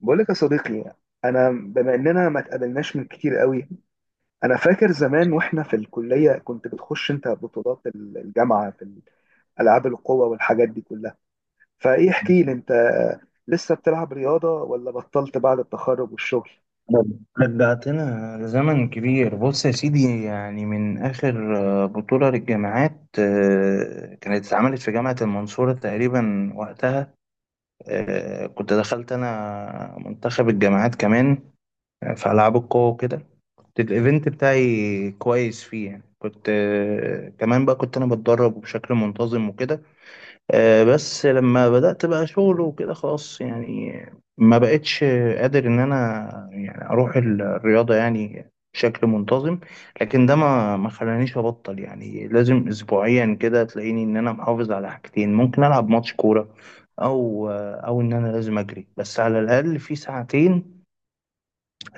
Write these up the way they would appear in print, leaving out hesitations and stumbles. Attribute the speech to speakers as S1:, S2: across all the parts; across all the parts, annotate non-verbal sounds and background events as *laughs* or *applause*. S1: بقول لك يا صديقي، انا بما اننا ما اتقابلناش من كتير قوي. انا فاكر زمان واحنا في الكليه كنت بتخش انت بطولات الجامعه في العاب القوه والحاجات دي كلها، فايه؟ احكي لي، انت لسه بتلعب رياضه ولا بطلت بعد التخرج والشغل؟
S2: رجعتنا لزمن كبير. بص يا سيدي، يعني من آخر بطولة للجامعات، كانت اتعملت في جامعة المنصورة تقريبا وقتها. كنت دخلت أنا منتخب الجامعات كمان، في ألعاب القوة وكده. كنت الإيفنت بتاعي كويس فيه، يعني كنت كمان بقى كنت أنا بتدرب بشكل منتظم وكده. بس لما بدأت بقى شغل وكده، خلاص يعني ما بقتش قادر ان انا يعني اروح الرياضة يعني بشكل منتظم. لكن ده ما خلانيش ابطل. يعني لازم اسبوعيا كده تلاقيني ان انا محافظ على حاجتين، ممكن العب ماتش كورة، او ان انا لازم اجري بس على الاقل في ساعتين،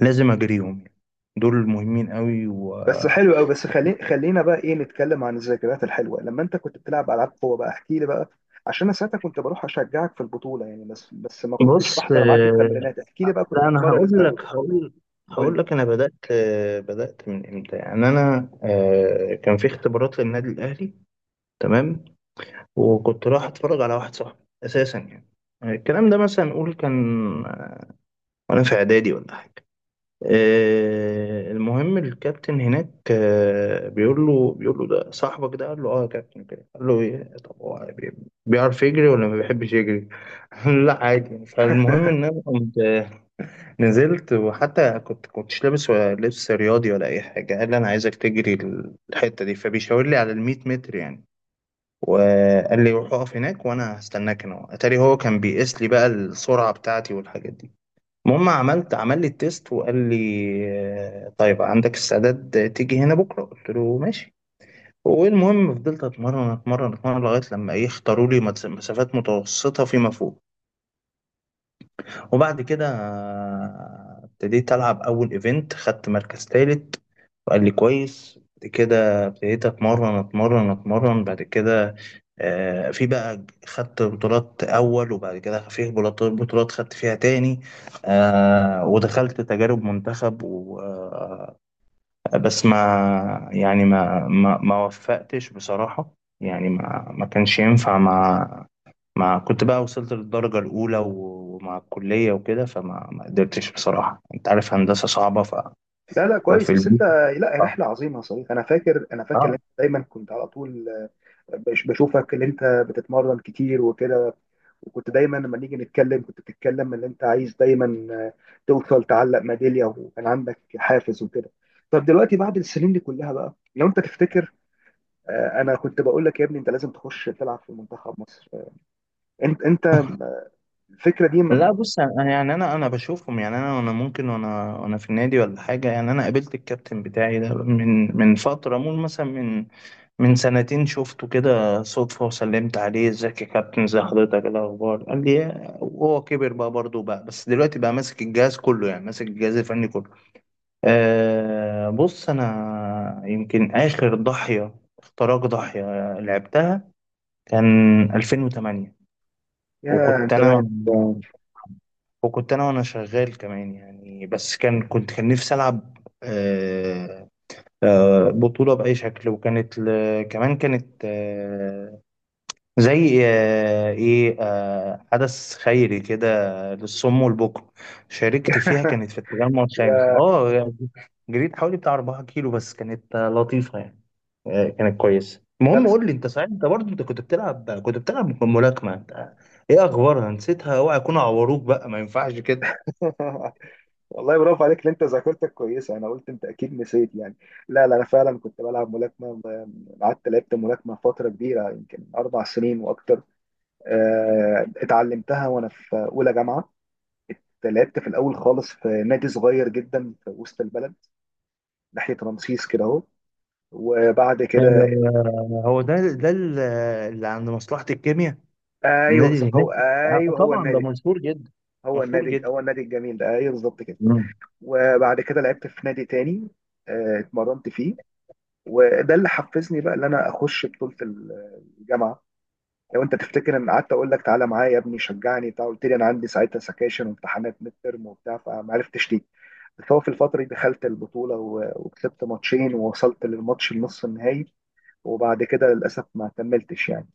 S2: لازم اجريهم يعني. دول مهمين قوي.
S1: بس حلو
S2: وبص،
S1: قوي. بس خلينا بقى ايه، نتكلم عن الذكريات الحلوه لما انت كنت بتلعب العاب قوه بقى. احكي لي بقى، عشان انا ساعتها كنت بروح اشجعك في البطوله يعني، بس ما كنتش بحضر معاك التمرينات. احكي لي بقى كنت
S2: لا انا
S1: بتتمرن
S2: هقول
S1: ازاي
S2: لك،
S1: وكده.
S2: هقول
S1: قول لي.
S2: هقول لك انا بدات، من امتى يعني. انا كان في اختبارات للنادي الاهلي. تمام. وكنت رايح اتفرج على واحد صاحبي اساسا يعني. الكلام ده مثلا نقول كان وانا في اعدادي ولا حاجه. المهم، الكابتن هناك بيقول له ده صاحبك ده. قال له: اه يا كابتن. كده قال له: طب هو بيعرف يجري ولا ما بيحبش يجري؟ *laughs* قال له: لا عادي يعني. فالمهم ان انا قمت نزلت، وحتى كنتش لابس ولا لبس رياضي ولا اي حاجه. قال لي: انا عايزك تجري الحته دي. فبيشاور لي على ال 100 متر يعني، وقال لي: روح اقف هناك وانا هستناك هنا. اتاري هو كان بيقيس لي بقى السرعه بتاعتي والحاجات دي. المهم عمل لي التيست وقال لي: طيب، عندك استعداد تيجي هنا بكره؟ قلت له: ماشي. والمهم فضلت اتمرن اتمرن اتمرن لغايه لما ايه اختاروا لي مسافات متوسطه فيما فوق. وبعد كده ابتديت ألعب أول إيفنت، خدت مركز تالت. وقال لي: كويس. بعد كده ابتديت أتمرن أتمرن أتمرن. بعد كده في بقى خدت بطولات أول، وبعد كده في بطولات خدت فيها تاني. ودخلت تجارب منتخب و آه، بس ما يعني ما وفقتش بصراحة. يعني ما كانش ينفع مع، ما كنت بقى وصلت للدرجة الأولى و- ومع الكلية وكده. فما ما قدرتش بصراحة، أنت عارف هندسة صعبة ف...
S1: لا لا،
S2: ففي
S1: كويس بس انت.
S2: البيت
S1: لا،
S2: صعب.
S1: رحله عظيمه يا صديقي. انا فاكر ان
S2: آه.
S1: انت دايما كنت على طول، بشوفك ان انت بتتمرن كتير وكده. وكنت دايما لما نيجي نتكلم كنت بتتكلم ان انت عايز دايما، توصل تعلق ميداليه، وكان عندك حافز وكده. طب دلوقتي بعد السنين دي كلها بقى، لو انت تفتكر، انا كنت بقول لك يا ابني انت لازم تخش تلعب في منتخب مصر. انت الفكره دي
S2: لا
S1: م-
S2: بص، أنا يعني أنا بشوفهم. يعني أنا ممكن، وأنا في النادي ولا حاجة يعني. أنا قابلت الكابتن بتاعي ده من من فترة مول، مثلا من من سنتين شفته كده صدفة وسلمت عليه: إزيك يا كابتن، إزي حضرتك، إيه الأخبار. قال لي وهو كبر بقى برضه بقى، بس دلوقتي بقى ماسك الجهاز كله، يعني ماسك الجهاز الفني كله. أه، بص، أنا يمكن آخر ضحية لعبتها كان 2008.
S1: يا
S2: وكنت أنا
S1: زمان.
S2: وكنت أنا وأنا شغال كمان يعني، بس كان نفسي ألعب. أه. بطولة بأي شكل. وكانت ل... كمان كانت زي آه، ايه آه، حدث خيري كده، للصم والبكم، شاركت فيها. كانت في التجمع الخامس.
S1: يا،
S2: اه، جريت حوالي بتاع 4 كيلو، بس كانت لطيفة يعني. كانت كويسة.
S1: لا
S2: المهم،
S1: بس.
S2: قول لي انت، صحيح انت برضه انت كنت بتلعب ملاكمة انت؟ ايه اخبارها؟ نسيتها؟ اوعى يكونوا عوروك بقى، ما ينفعش كده.
S1: *laughs* والله، برافو عليك اللي انت ذاكرتك كويسه. انا قلت انت اكيد نسيت يعني. لا لا، انا فعلا كنت بلعب ملاكمه، قعدت لعبت ملاكمه فتره كبيره، يمكن 4 سنين واكتر. اتعلمتها وانا في اولى جامعه. لعبت في الاول خالص في نادي صغير جدا في وسط البلد، ناحيه رمسيس كده اهو. وبعد كده
S2: هو ده اللي عند مصلحة الكيمياء،
S1: ايوه
S2: النادي اللي
S1: بالظبط.
S2: هناك.
S1: هو ايوه، هو
S2: طبعا ده
S1: النادي.
S2: مشهور جدا،
S1: هو
S2: مشهور
S1: النادي
S2: جدا.
S1: هو النادي الجميل ده، ايوه بالظبط كده. وبعد كده لعبت في نادي تاني، اتمرنت فيه. وده اللي حفزني بقى ان انا اخش بطوله الجامعه. لو انت تفتكر، ان قعدت اقول لك تعالى معايا يا ابني، شجعني بتاع، قلت لي انا عندي ساعتها سكاشن وامتحانات ميد ترم وبتاع، فما عرفتش ليه. بس هو في الفتره دي دخلت البطوله، وكسبت ماتشين، ووصلت للماتش النص النهائي، وبعد كده للاسف ما كملتش يعني.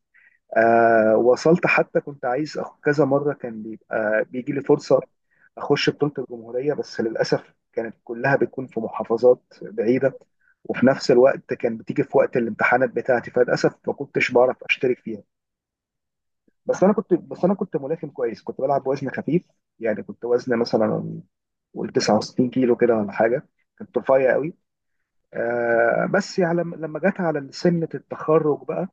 S1: وصلت، حتى كنت عايز كذا مرة كان بيبقى بيجي لي فرصة أخش بطولة الجمهورية، بس للأسف كانت كلها بتكون في محافظات بعيدة، وفي نفس الوقت كان بتيجي في وقت الامتحانات بتاعتي، فللأسف ما كنتش بعرف أشترك فيها. بس أنا كنت ملاكم كويس، كنت بلعب بوزن خفيف يعني، كنت وزن مثلا قول 69 كيلو كده ولا حاجة، كنت رفيع قوي. بس على لما جت على سنة التخرج بقى،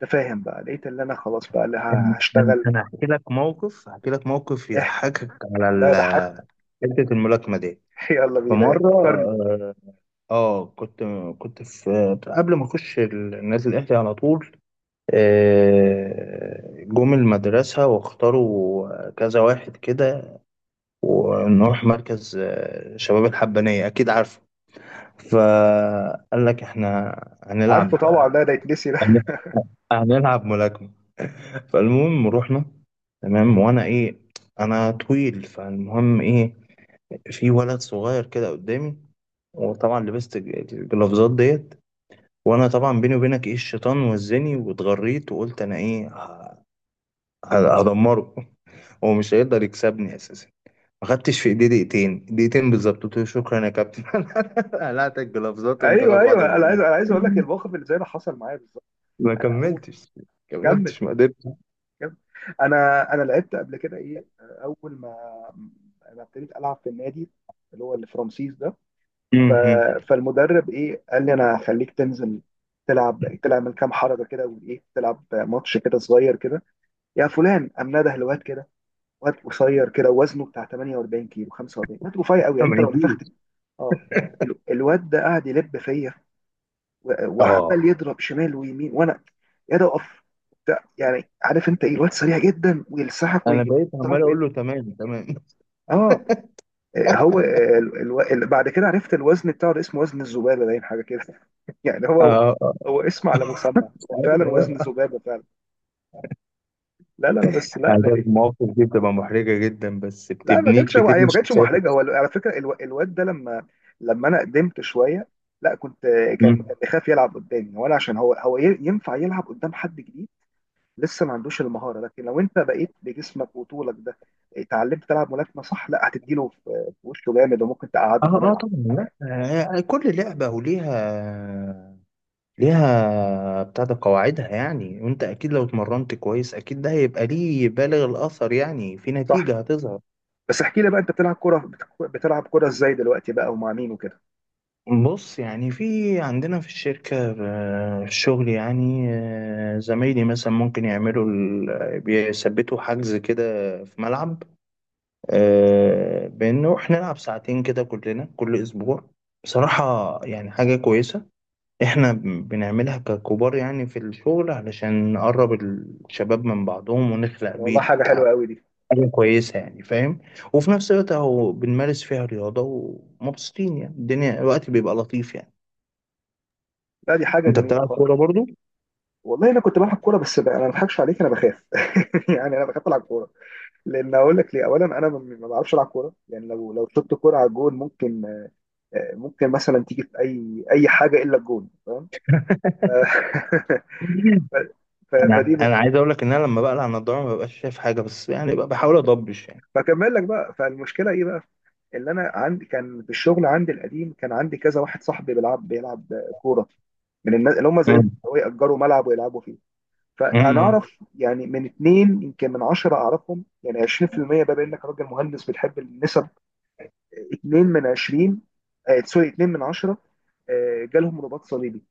S1: تفاهم بقى، لقيت اللي أنا خلاص بقى اللي
S2: أنا أنا-
S1: هشتغل.
S2: أنا هحكي لك موقف، يضحكك على
S1: لا، ده حد.
S2: حتة الملاكمة دي.
S1: *laughs* يلا
S2: في
S1: بينا! إيه،
S2: مرة
S1: فكرني.
S2: آه آه، كنت كنت في، قبل ما أخش نادي الأهلي على طول، جم المدرسة واختاروا كذا واحد كده، ونروح مركز شباب الحبانية، أكيد عارفه. فقال لك: إحنا
S1: عارفه
S2: هنلعب
S1: طبعا، ده يتنسي ده! *laughs*
S2: هنلعب ملاكمة. فالمهم رحنا. تمام، وانا ايه، انا طويل. فالمهم ايه، في ولد صغير كده قدامي. وطبعا لبست الجلافزات ديت، وانا طبعا بيني وبينك، ايه، الشيطان وزني واتغريت وقلت انا ايه هدمره. *laughs* هو مش هيقدر يكسبني اساسا. ما خدتش في ايدي دقيقتين، دقيقتين بالظبط، قلت له: شكرا يا كابتن. *laughs* قلعت الجلافزات وقمت
S1: ايوه
S2: واخد بعضي
S1: ايوه، انا عايز
S2: ومجري.
S1: انا عايز اقول لك الموقف اللي زي ده حصل معايا بالظبط.
S2: ما
S1: انا اول.
S2: كملتش،
S1: كمل،
S2: ما قدرتش.
S1: كمل. انا لعبت قبل كده، ايه، اول ما انا ابتديت العب في النادي اللي هو اللي في رمسيس ده.
S2: م-
S1: ف...
S2: م.
S1: فالمدرب ايه قال لي: انا هخليك تنزل تلعب من كام حركه كده، وايه، تلعب ماتش كده صغير كده، يا فلان. قام نده الواد كده، واد قصير كده وزنه بتاع 48 كيلو، 45، واد رفيع قوي، يعني
S2: ما
S1: انت لو نفخت.
S2: يجيش.
S1: اه، الواد ده قاعد يلب فيا،
S2: اه،
S1: وعمال يضرب شمال ويمين، وانا يا ده اقف وبتاع. يعني عارف انت ايه، الواد سريع جدا ويلسحك
S2: انا
S1: ويجي.
S2: بقيت عمال
S1: يلسحك ويجي.
S2: اقول له: تمام، تمام. *laughs*
S1: اه، هو بعد كده عرفت الوزن بتاعه ده، اسمه وزن الذبابه، باين حاجه كده. *laughs* يعني هو
S2: اه. آه،
S1: هو اسم على مسمى، هو
S2: عارف
S1: فعلا وزن
S2: آه.
S1: ذبابه فعلا. لا لا لا، بس لا
S2: عايز أقول
S1: لا.
S2: لك، مواقف دي بتبقى محرجه جدا، بس
S1: لا، ما كانتش يعني،
S2: بتبني
S1: ما كانتش
S2: شخصيتك.
S1: محرجه. هو على فكره الواد ده، لما انا قدمت شويه. لا، كنت، كان
S2: مم.
S1: بيخاف يلعب قدامي، وانا عشان هو ينفع يلعب قدام حد جديد. لسه ما عندوش المهاره، لكن لو انت بقيت بجسمك وطولك ده اتعلمت تلعب ملاكمه صح، لا، هتديله في وشه جامد، وممكن
S2: اه،
S1: تقعده
S2: اه،
S1: كمان.
S2: طبعا لا.
S1: يعني.
S2: كل لعبه وليها، بتاع ده قواعدها يعني. وانت اكيد لو اتمرنت كويس، اكيد ده هيبقى ليه بالغ الاثر يعني، في نتيجه
S1: صح.
S2: هتظهر.
S1: بس احكي لي بقى، انت بتلعب كره؟ بتلعب كره ازاي دلوقتي بقى، ومع مين وكده؟
S2: بص، يعني في، عندنا في الشركة في الشغل يعني، زمايلي مثلا ممكن يعملوا بيثبتوا حجز كده في ملعب، بان نروح نلعب ساعتين كده كلنا كل اسبوع. بصراحة يعني حاجة كويسة. احنا بنعملها ككبار يعني في الشغل، علشان نقرب الشباب من بعضهم ونخلق
S1: والله،
S2: بيت.
S1: حاجه حلوه قوي دي.
S2: حاجة كويسة يعني، فاهم؟ وفي نفس الوقت اهو بنمارس فيها رياضة، ومبسوطين يعني، الدنيا، الوقت بيبقى لطيف يعني.
S1: لا، دي حاجه
S2: انت
S1: جميله
S2: بتلعب كورة
S1: خالص.
S2: برضو؟
S1: والله انا كنت بلعب كوره، بس بقى انا ما بضحكش عليك، انا بخاف. *laughs* يعني انا بخاف العب كوره. لان، اقول لك ليه، اولا انا ما بعرفش العب كوره، يعني لو شطت كوره على الجون ممكن، ممكن مثلا تيجي في اي حاجه الا الجون، فاهم؟ ف- *laughs*
S2: *laughs*
S1: ف- فدي
S2: انا
S1: نقطة.
S2: عايز اقول لك ان انا لما بقلع النضارة ما ببقاش شايف حاجة، بس يعني بقى بحاول اضبش يعني.
S1: فكمل لك بقى، فالمشكله ايه بقى اللي انا عندي؟ كان في الشغل عندي القديم كان عندي كذا واحد صاحبي بيلعب كوره، من الناس اللي هم زيكم
S2: امم.
S1: هو يأجروا ملعب ويلعبوا فيه. فانا
S2: امم.
S1: اعرف يعني من اتنين يمكن من 10 اعرفهم، يعني 20%، بقى بانك راجل مهندس بتحب النسب، اتنين من 20، آه سوري، اتنين من 10، آه جالهم رباط صليبي.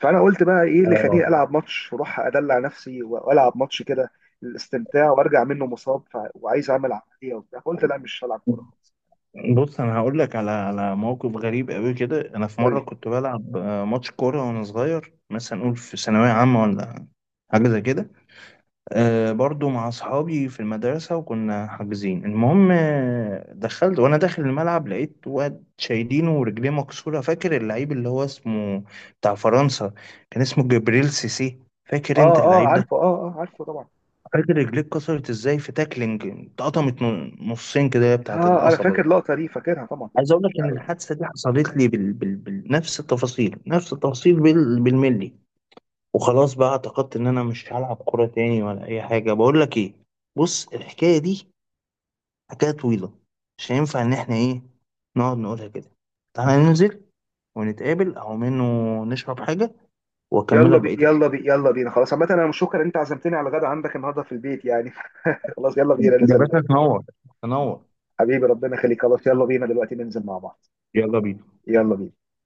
S1: فانا قلت بقى، ايه اللي
S2: اه،
S1: خليني العب ماتش واروح ادلع نفسي والعب ماتش كده للاستمتاع وارجع منه مصاب، وعايز اعمل عمليه وبتاع، فقلت لا، مش هلعب كوره خالص.
S2: بص، انا هقول لك على موقف غريب قوي كده. انا في
S1: قول لي.
S2: مره كنت بلعب ماتش كوره وانا صغير، مثلا نقول في ثانويه عامه ولا حاجه زي كده. برضو مع اصحابي في المدرسه، وكنا حاجزين. المهم دخلت وانا داخل الملعب لقيت واد شايلينه ورجليه مكسوره. فاكر اللعيب اللي هو اسمه بتاع فرنسا، كان اسمه جبريل سيسي؟ فاكر انت
S1: اه اه،
S2: اللعيب ده؟
S1: عارفه. اه اه، عارفه طبعا.
S2: فاكر رجليه اتكسرت ازاي في تاكلينج، اتقطمت نصين كده بتاعت
S1: اه، انا فاكر
S2: القصبه.
S1: اللقطه دي، فاكرها طبعا.
S2: عايز اقول لك ان الحادثه دي حصلت لي بنفس التفاصيل، نفس التفاصيل، بالملي. وخلاص بقى اعتقدت ان انا مش هلعب كوره تاني ولا اي حاجه. بقول لك ايه، بص، الحكايه دي حكايه طويله، مش هينفع ان احنا ايه نقعد نقولها كده. تعالى ننزل ونتقابل، او منه نشرب حاجه واكملك بقيه الحكايه.
S1: يلا بينا خلاص. عامة انا مش، شكرا، انت عزمتني على غدا عندك النهارده في البيت يعني. *laughs* خلاص يلا بينا
S2: يا
S1: ننزل.
S2: باشا، تنور. تنور.
S1: حبيبي ربنا يخليك، خلاص يلا بينا دلوقتي ننزل مع بعض.
S2: يلا بينا.
S1: يلا بينا.